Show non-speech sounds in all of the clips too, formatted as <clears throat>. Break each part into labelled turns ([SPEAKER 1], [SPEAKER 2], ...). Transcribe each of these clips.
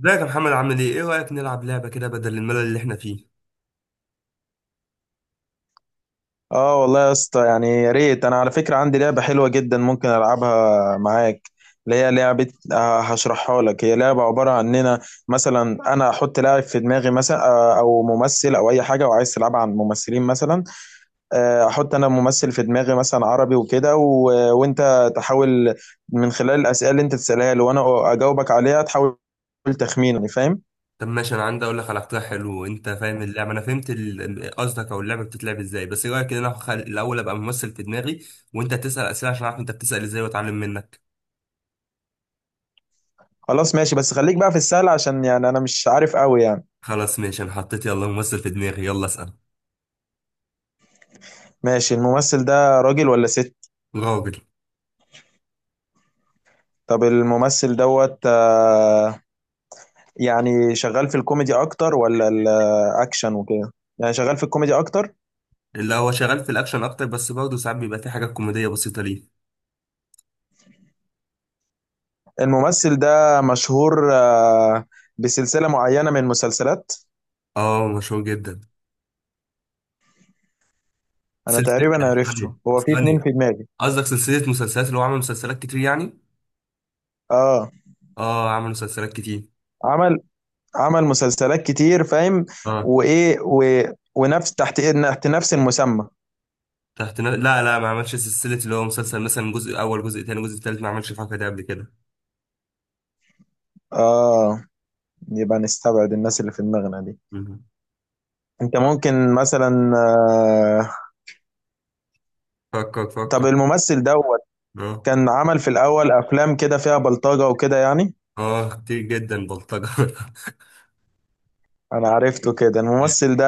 [SPEAKER 1] ازيك يا محمد، عامل ايه؟ ايه رأيك نلعب لعبة كده بدل الملل اللي احنا فيه؟
[SPEAKER 2] اه، والله يا اسطى يعني يا ريت. انا على فكرة عندي لعبة حلوة جدا ممكن العبها معاك، اللي هي لعبة. هشرحها لك. هي لعبة عبارة عن اننا مثلا انا احط لاعب في دماغي مثلا، او ممثل او اي حاجة وعايز تلعبها عن ممثلين مثلا. احط انا ممثل في دماغي مثلا عربي وكده وانت تحاول من خلال الاسئلة اللي انت تسألها لي وانا اجاوبك عليها تحاول تخمين، يعني فاهم؟
[SPEAKER 1] طب ماشي، انا عندي اقول لك على اقتراح حلو. وانت فاهم اللعبة، انا فهمت قصدك او اللعبة بتتلعب ازاي. بس ايه رأيك ان انا الاول ابقى ممثل في دماغي، وانت تسأل اسئلة عشان اعرف انت بتسأل ازاي واتعلم منك.
[SPEAKER 2] خلاص ماشي، بس خليك بقى في السهل عشان يعني انا مش عارف قوي يعني.
[SPEAKER 1] خلاص ماشي، انا حطيت. يلا ممثل في دماغي، يلا اسأل.
[SPEAKER 2] ماشي. الممثل ده راجل ولا ست؟
[SPEAKER 1] راجل.
[SPEAKER 2] طب الممثل دوت يعني شغال في الكوميدي اكتر ولا الاكشن وكده؟ يعني شغال في الكوميدي اكتر.
[SPEAKER 1] اللي هو شغال في الاكشن اكتر، بس برضه ساعات بيبقى في حاجات كوميدية بسيطة ليه.
[SPEAKER 2] الممثل ده مشهور بسلسلة معينة من المسلسلات؟
[SPEAKER 1] اه مشهور جدا.
[SPEAKER 2] انا
[SPEAKER 1] سلسلة.
[SPEAKER 2] تقريبا عرفته،
[SPEAKER 1] غني.
[SPEAKER 2] هو في اتنين
[SPEAKER 1] غني.
[SPEAKER 2] في دماغي.
[SPEAKER 1] قصدك سلسلة مسلسلات اللي هو عمل مسلسلات كتير يعني؟
[SPEAKER 2] اه،
[SPEAKER 1] اه عمل مسلسلات كتير.
[SPEAKER 2] عمل عمل مسلسلات كتير، فاهم؟
[SPEAKER 1] آه.
[SPEAKER 2] وايه و... ونفس تحت نفس المسمى.
[SPEAKER 1] لا لا، ما عملش سلسلة اللي هو مسلسل مثلا جزء أول جزء تاني جزء تالت، ما عملش الحركة دي قبل كده.
[SPEAKER 2] اه، يبقى نستبعد الناس اللي في دماغنا دي.
[SPEAKER 1] مم.
[SPEAKER 2] انت ممكن مثلا، آه،
[SPEAKER 1] فكر
[SPEAKER 2] طب
[SPEAKER 1] فكر.
[SPEAKER 2] الممثل ده
[SPEAKER 1] اه.
[SPEAKER 2] كان عمل في الأول أفلام كده فيها بلطجة وكده يعني؟
[SPEAKER 1] اه كتير جدا بلطجة <laughs>
[SPEAKER 2] أنا عرفته كده الممثل ده.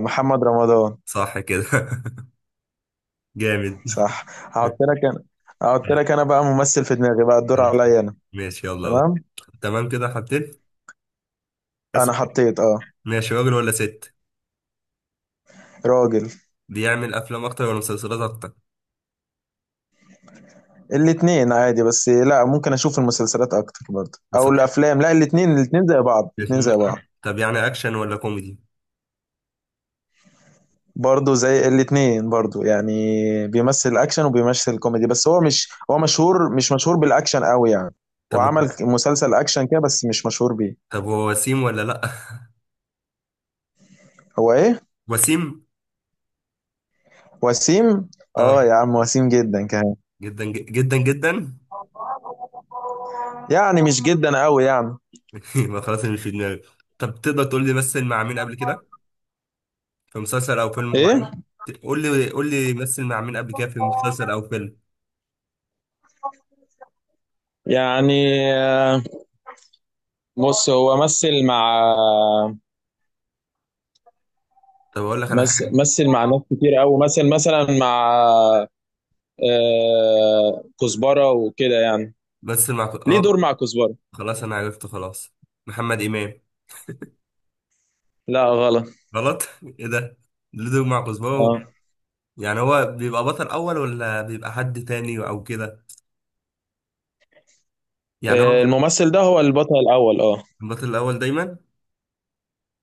[SPEAKER 2] محمد رمضان؟
[SPEAKER 1] صح كده. <laughs> جامد.
[SPEAKER 2] صح. هحط لك أنا، بقى ممثل في دماغي بقى، الدور عليا أنا.
[SPEAKER 1] ماشي يلا اهو.
[SPEAKER 2] تمام.
[SPEAKER 1] تمام كده حطيت.
[SPEAKER 2] أنا
[SPEAKER 1] أسأل.
[SPEAKER 2] حطيت
[SPEAKER 1] ماشي. راجل ولا ست؟
[SPEAKER 2] راجل.
[SPEAKER 1] بيعمل أفلام أكتر ولا مسلسلات أكتر؟
[SPEAKER 2] الاتنين عادي، بس لا ممكن أشوف المسلسلات أكتر برضه أو
[SPEAKER 1] مسلسلات
[SPEAKER 2] الأفلام، لا الاتنين، الاتنين زي بعض الاتنين زي
[SPEAKER 1] أكتر.
[SPEAKER 2] بعض.
[SPEAKER 1] طب يعني أكشن ولا كوميدي؟
[SPEAKER 2] برضه زي الاتنين برضه يعني. بيمثل أكشن وبيمثل كوميدي، بس هو مشهور، مش مشهور بالأكشن قوي يعني.
[SPEAKER 1] طب
[SPEAKER 2] وعمل
[SPEAKER 1] هو.
[SPEAKER 2] مسلسل أكشن كده بس مش مشهور بيه.
[SPEAKER 1] طب هو وسيم ولا لأ؟
[SPEAKER 2] هو ايه؟
[SPEAKER 1] <laughs> وسيم.
[SPEAKER 2] وسيم؟ اه
[SPEAKER 1] اه.
[SPEAKER 2] يا عم وسيم جدا كمان،
[SPEAKER 1] جدا جدا جدا.
[SPEAKER 2] يعني مش جدا قوي يعني.
[SPEAKER 1] <laughs> يبقى خلاص أنا مش في دماغي. طب تقدر تقول لي مثل مع مين قبل كده في مسلسل او فيلم
[SPEAKER 2] ايه؟
[SPEAKER 1] معين؟ قول لي مثل مع مين قبل كده في مسلسل او فيلم.
[SPEAKER 2] يعني آه، بص هو مثل مع،
[SPEAKER 1] طب اقول لك على
[SPEAKER 2] مثل,
[SPEAKER 1] حاجه.
[SPEAKER 2] مثل مع ناس كتير قوي. مثل مثلا مع كزبرة وكده يعني، ليه
[SPEAKER 1] اه.
[SPEAKER 2] دور مع كزبرة.
[SPEAKER 1] خلاص انا عرفت خلاص. محمد امام.
[SPEAKER 2] لا غلط.
[SPEAKER 1] غلط <laughs> ايه ده؟ ليه دور مع كزبره
[SPEAKER 2] اه،
[SPEAKER 1] يعني هو بيبقى بطل اول ولا بيبقى حد تاني او كده؟ يعني هو.
[SPEAKER 2] الممثل ده هو البطل الاول، اه.
[SPEAKER 1] البطل الاول دايما.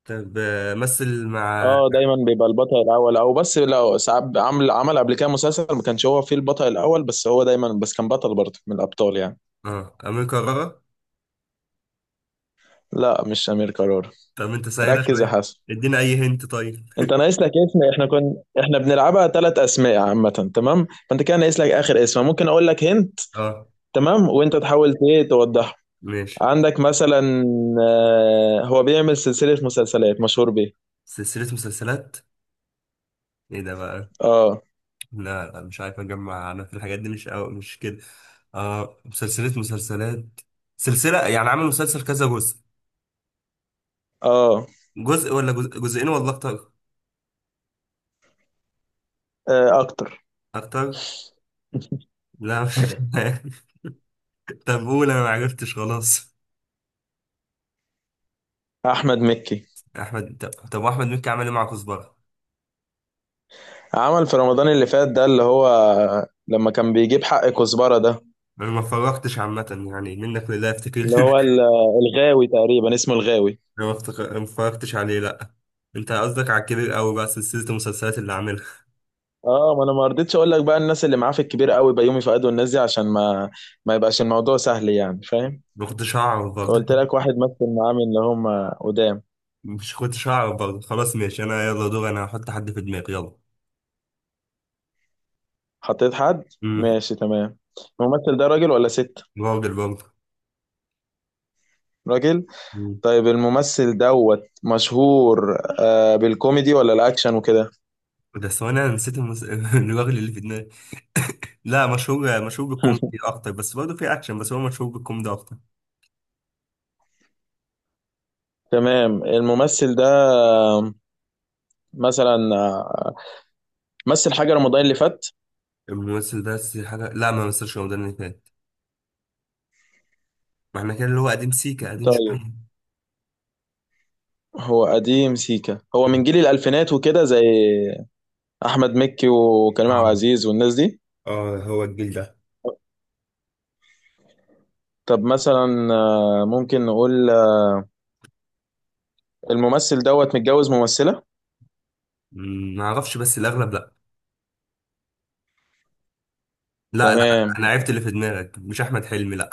[SPEAKER 1] طب مثل مع.
[SPEAKER 2] اه، دايما بيبقى البطل الاول، او بس لو ساعات عمل قبل كده مسلسل ما كانش هو فيه البطل الاول، بس هو دايما بس كان بطل برضه من الابطال يعني.
[SPEAKER 1] اه امير كرارة.
[SPEAKER 2] لا مش أمير كرارة.
[SPEAKER 1] طب انت سهله
[SPEAKER 2] ركز يا
[SPEAKER 1] شويه.
[SPEAKER 2] حسن.
[SPEAKER 1] ادينا اي هنت طيب.
[SPEAKER 2] انت ناقص لك اسم. احنا بنلعبها 3 اسماء عامة، تمام؟ فانت كده ناقص لك اخر اسم. ممكن اقول لك هنت،
[SPEAKER 1] اه.
[SPEAKER 2] تمام؟ وانت تحاول ايه توضحه.
[SPEAKER 1] ماشي.
[SPEAKER 2] عندك مثلا، هو بيعمل سلسلة مسلسلات مشهور بيه.
[SPEAKER 1] سلسلة مسلسلات. ايه ده بقى؟
[SPEAKER 2] اه،
[SPEAKER 1] لا لا مش عارف اجمع انا في الحاجات دي، مش كده. اه سلسلة مسلسلات. سلسلة يعني عامل مسلسل كذا جزء؟
[SPEAKER 2] اه،
[SPEAKER 1] جزء ولا جزئين ولا اكتر؟
[SPEAKER 2] اكتر. <laughs>
[SPEAKER 1] اكتر. لا <laughs> مش عارف. طب قول، انا ما عرفتش خلاص.
[SPEAKER 2] احمد مكي.
[SPEAKER 1] طب طب، احمد مكي عمل ايه مع كزبرة؟
[SPEAKER 2] عمل في رمضان اللي فات ده، اللي هو لما كان بيجيب حق كزبرة ده،
[SPEAKER 1] انا ما اتفرجتش عامة يعني، منك لله افتكر
[SPEAKER 2] اللي
[SPEAKER 1] <laughs>
[SPEAKER 2] هو الغاوي تقريبا اسمه الغاوي.
[SPEAKER 1] انا ما اتفرجتش عليه لا. انت قصدك على الكبير قوي، بقى سلسلة المسلسلات اللي عاملها.
[SPEAKER 2] اه، ما انا ما رضيتش اقول لك بقى الناس اللي معاه في الكبير قوي، بيومي فؤاد والناس دي، عشان ما يبقاش الموضوع سهل، يعني فاهم؟
[SPEAKER 1] ما كنتش هعرف برضه.
[SPEAKER 2] فقلت لك واحد مثل معاه من اللي هم قدام.
[SPEAKER 1] مش كنتش هعرف برضه. خلاص ماشي، انا يلا دور. انا هحط حد في دماغي يلا.
[SPEAKER 2] حطيت حد.
[SPEAKER 1] امم.
[SPEAKER 2] ماشي تمام. الممثل ده راجل ولا ست؟
[SPEAKER 1] راجل برضه.
[SPEAKER 2] راجل.
[SPEAKER 1] مم.
[SPEAKER 2] طيب الممثل دوت مشهور بالكوميدي ولا الاكشن وكده؟
[SPEAKER 1] بس هو انا نسيت <laughs> الراجل اللي في دماغي. لا مشهور، مشهور بالكوميدي
[SPEAKER 2] <laughs>
[SPEAKER 1] اكتر، بس برضه في اكشن، بس هو مشهور بالكوميدي اكتر.
[SPEAKER 2] تمام. الممثل ده مثلا مثل حاجة رمضان اللي فات؟
[SPEAKER 1] الممثل ده بس لا ما مثلش رمضان اللي فات. ما احنا كده اللي هو قديم سيكا، قديم
[SPEAKER 2] طيب.
[SPEAKER 1] شويه <clears throat>
[SPEAKER 2] هو قديم سيكا، هو من
[SPEAKER 1] مم.
[SPEAKER 2] جيل الألفينات وكده، زي احمد مكي وكريم عبد
[SPEAKER 1] اه.
[SPEAKER 2] العزيز والناس دي.
[SPEAKER 1] هو الجيل ده.
[SPEAKER 2] طب مثلا، ممكن نقول الممثل دوت متجوز ممثلة؟
[SPEAKER 1] مم، ما اعرفش بس الاغلب لا. لا لا
[SPEAKER 2] تمام.
[SPEAKER 1] انا عرفت اللي في دماغك، مش احمد حلمي لا.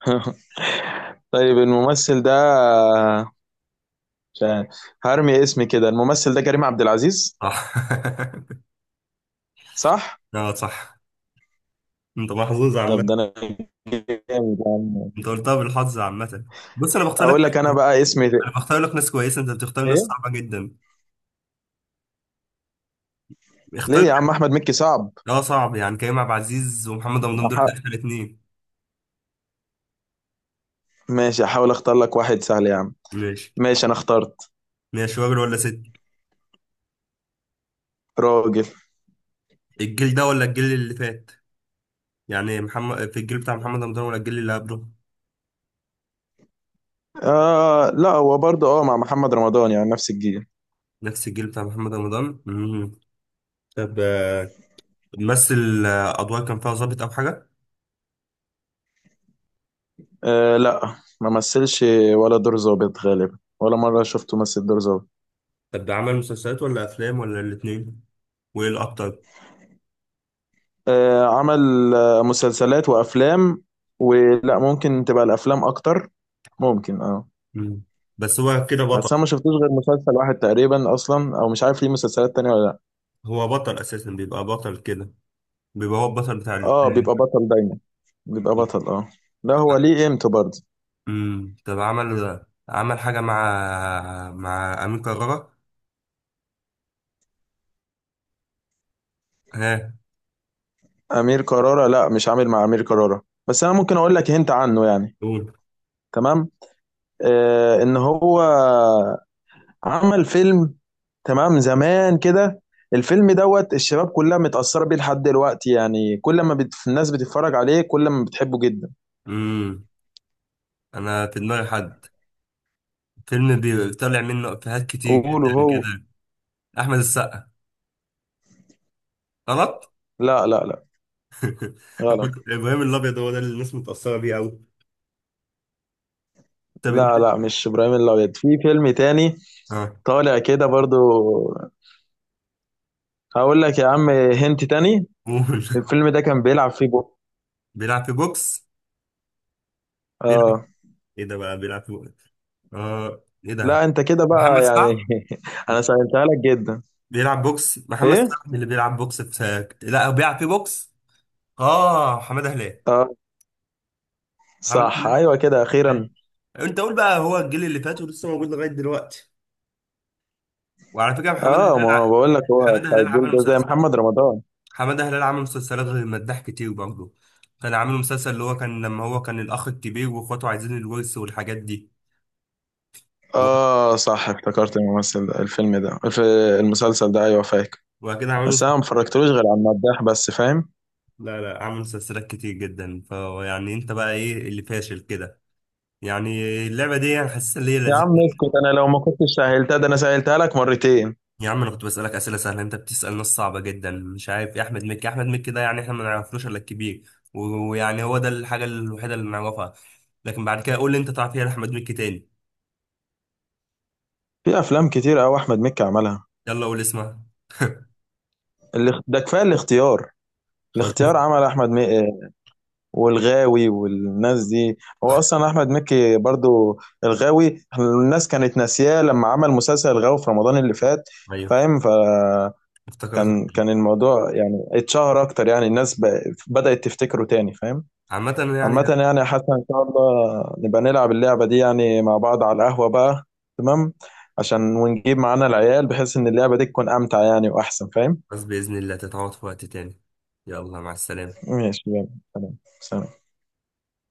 [SPEAKER 2] <laughs> طيب الممثل ده مش عارف. هرمي اسمي كده. الممثل ده كريم عبد العزيز.
[SPEAKER 1] صح. <laughs>
[SPEAKER 2] صح.
[SPEAKER 1] اه صح. انت محظوظ
[SPEAKER 2] طب ده
[SPEAKER 1] عامة.
[SPEAKER 2] انا جامد يا عم.
[SPEAKER 1] انت قلتها بالحظ عامة. بص انا بختار لك.
[SPEAKER 2] اقول لك انا بقى اسمي ده.
[SPEAKER 1] انا بختار لك ناس كويسة، انت بتختار ناس
[SPEAKER 2] ايه.
[SPEAKER 1] صعبة جدا.
[SPEAKER 2] ليه
[SPEAKER 1] اختار
[SPEAKER 2] يا
[SPEAKER 1] لك.
[SPEAKER 2] عم احمد مكي صعب؟
[SPEAKER 1] اه صعب، يعني كريم عبد العزيز ومحمد رمضان دول
[SPEAKER 2] أح...
[SPEAKER 1] اخر اتنين.
[SPEAKER 2] ماشي احاول اختار لك واحد سهل يا عم.
[SPEAKER 1] ماشي.
[SPEAKER 2] ماشي انا اخترت.
[SPEAKER 1] ماشي. راجل ولا ست؟
[SPEAKER 2] راجل.
[SPEAKER 1] الجيل ده ولا الجيل اللي فات؟ يعني محمد في الجيل بتاع محمد رمضان ولا الجيل اللي قبله؟
[SPEAKER 2] آه لا، هو برضه اه مع محمد رمضان يعني نفس الجيل.
[SPEAKER 1] نفس الجيل بتاع محمد رمضان. امم. طب مثل ادوار كان فيها ظابط او حاجة؟
[SPEAKER 2] أه لا، ما مثلش ولا دور ظابط غالبا، ولا مرة شفته مثل دور ظابط.
[SPEAKER 1] طب ده عمل مسلسلات ولا افلام ولا الاتنين؟ وايه الاكتر؟
[SPEAKER 2] أه عمل مسلسلات وأفلام، ولا ممكن تبقى الأفلام أكتر، ممكن اه.
[SPEAKER 1] مم. بس هو كده
[SPEAKER 2] بس أنا
[SPEAKER 1] بطل.
[SPEAKER 2] ما شفتوش غير مسلسل واحد تقريبا أصلا، أو مش عارف ليه مسلسلات تانية ولا لأ.
[SPEAKER 1] هو بطل اساسا، بيبقى بطل كده، بيبقى هو البطل بتاع
[SPEAKER 2] اه بيبقى بطل دايما، بيبقى بطل اه. لا هو ليه قيمته برضه.
[SPEAKER 1] طب عمل حاجة مع أمين كرارة. ها؟
[SPEAKER 2] أمير كرارة؟ لا مش عامل مع أمير كرارة، بس أنا ممكن أقول لك هنت عنه يعني.
[SPEAKER 1] قول.
[SPEAKER 2] تمام. إن هو عمل فيلم تمام زمان كده. الفيلم دوت الشباب كلها متأثرة بيه لحد دلوقتي، يعني كل ما الناس بتتفرج عليه كل ما بتحبه جدا.
[SPEAKER 1] امم. أنا في دماغي حد. فيلم بيطلع منه إفيهات كتير
[SPEAKER 2] وقولوا
[SPEAKER 1] جدا
[SPEAKER 2] هو،
[SPEAKER 1] كده. أحمد السقا. غلط
[SPEAKER 2] لا لا لا،
[SPEAKER 1] <laughs>
[SPEAKER 2] غلط.
[SPEAKER 1] إبراهيم الأبيض، هو ده اللي الناس متأثرة بيه أوي. طب
[SPEAKER 2] لا لا، مش إبراهيم الأبيض في فيلم تاني.
[SPEAKER 1] اه.
[SPEAKER 2] طالع كده برضو. هقول لك يا عم هنت تاني.
[SPEAKER 1] قول.
[SPEAKER 2] الفيلم ده كان بيلعب فيه جو.
[SPEAKER 1] <laughs> بيلعب في بوكس. بيلعب.
[SPEAKER 2] اه.
[SPEAKER 1] إيه ده بقى؟ بيلعب في بوكس؟ اه إيه
[SPEAKER 2] لا
[SPEAKER 1] ده؟
[SPEAKER 2] انت كده بقى
[SPEAKER 1] محمد
[SPEAKER 2] يعني.
[SPEAKER 1] سعد.
[SPEAKER 2] <laughs> انا سألتها لك جدا.
[SPEAKER 1] بيلعب بوكس، محمد
[SPEAKER 2] ايه؟
[SPEAKER 1] سعد اللي بيلعب بوكس في، لا هو بيلعب في بوكس. اه حماده هلال.
[SPEAKER 2] اه
[SPEAKER 1] حماده
[SPEAKER 2] صح،
[SPEAKER 1] هلال.
[SPEAKER 2] ايوه كده اخيرا.
[SPEAKER 1] انت قول بقى، هو الجيل اللي فات ولسه موجود لغايه دلوقتي. وعلى فكره حماده
[SPEAKER 2] اه
[SPEAKER 1] هلال
[SPEAKER 2] ما بقول لك هو
[SPEAKER 1] حماده
[SPEAKER 2] بتاع
[SPEAKER 1] هلال
[SPEAKER 2] الجيل
[SPEAKER 1] عمل
[SPEAKER 2] ده زي
[SPEAKER 1] مسلسل.
[SPEAKER 2] محمد رمضان.
[SPEAKER 1] حماده هلال عمل مسلسلات غير مداح كتير برضه. كان عامل مسلسل اللي هو كان لما هو كان الاخ الكبير واخواته عايزين الورث والحاجات دي و-
[SPEAKER 2] اه صح افتكرت الممثل ده، الفيلم ده، المسلسل ده ايوه فاكر.
[SPEAKER 1] وبعد كده عملوا.
[SPEAKER 2] بس انا ما اتفرجتلوش غير على المداح بس، فاهم؟
[SPEAKER 1] لا لا عمل مسلسلات كتير جدا، فيعني انت بقى ايه اللي فاشل كده؟ يعني اللعبه دي انا حاسسها اللي هي
[SPEAKER 2] يا
[SPEAKER 1] لذيذه.
[SPEAKER 2] عم اسكت انا لو ما كنتش سهلتها ده انا سهلتها لك مرتين.
[SPEAKER 1] يا عم انا كنت بسألك اسئله سهله، انت بتسأل ناس صعبه جدا، مش عارف يا احمد مكي. احمد مكي ده يعني احنا ما نعرفلوش الا الكبير ويعني هو ده الحاجه الوحيده اللي نعرفها. لكن بعد كده قول لي انت تعرف ايه احمد مكي تاني.
[SPEAKER 2] في افلام كتير قوي احمد مكي عملها.
[SPEAKER 1] يلا قول اسمها.
[SPEAKER 2] ده كفايه الاختيار.
[SPEAKER 1] خلاص
[SPEAKER 2] الاختيار
[SPEAKER 1] <laughs>
[SPEAKER 2] عمل احمد مكي، والغاوي والناس دي. هو اصلا احمد مكي برضو الغاوي. الناس كانت ناسياه لما عمل مسلسل الغاوي في رمضان اللي فات،
[SPEAKER 1] ايوه
[SPEAKER 2] فاهم؟
[SPEAKER 1] افتكرت.
[SPEAKER 2] كان الموضوع يعني اتشهر اكتر، يعني الناس بدأت تفتكره تاني، فاهم؟
[SPEAKER 1] عامه
[SPEAKER 2] عامة
[SPEAKER 1] يعني.
[SPEAKER 2] يعني يا حسن، ان شاء الله نبقى نلعب اللعبة دي يعني مع بعض على القهوة بقى. تمام. عشان ونجيب معانا العيال بحيث ان اللعبة دي تكون امتع يعني واحسن، فاهم؟
[SPEAKER 1] بس باذن الله تتعوض في وقت تاني. يلا مع السلامه.
[SPEAKER 2] ماشي يلا. سلام سلام.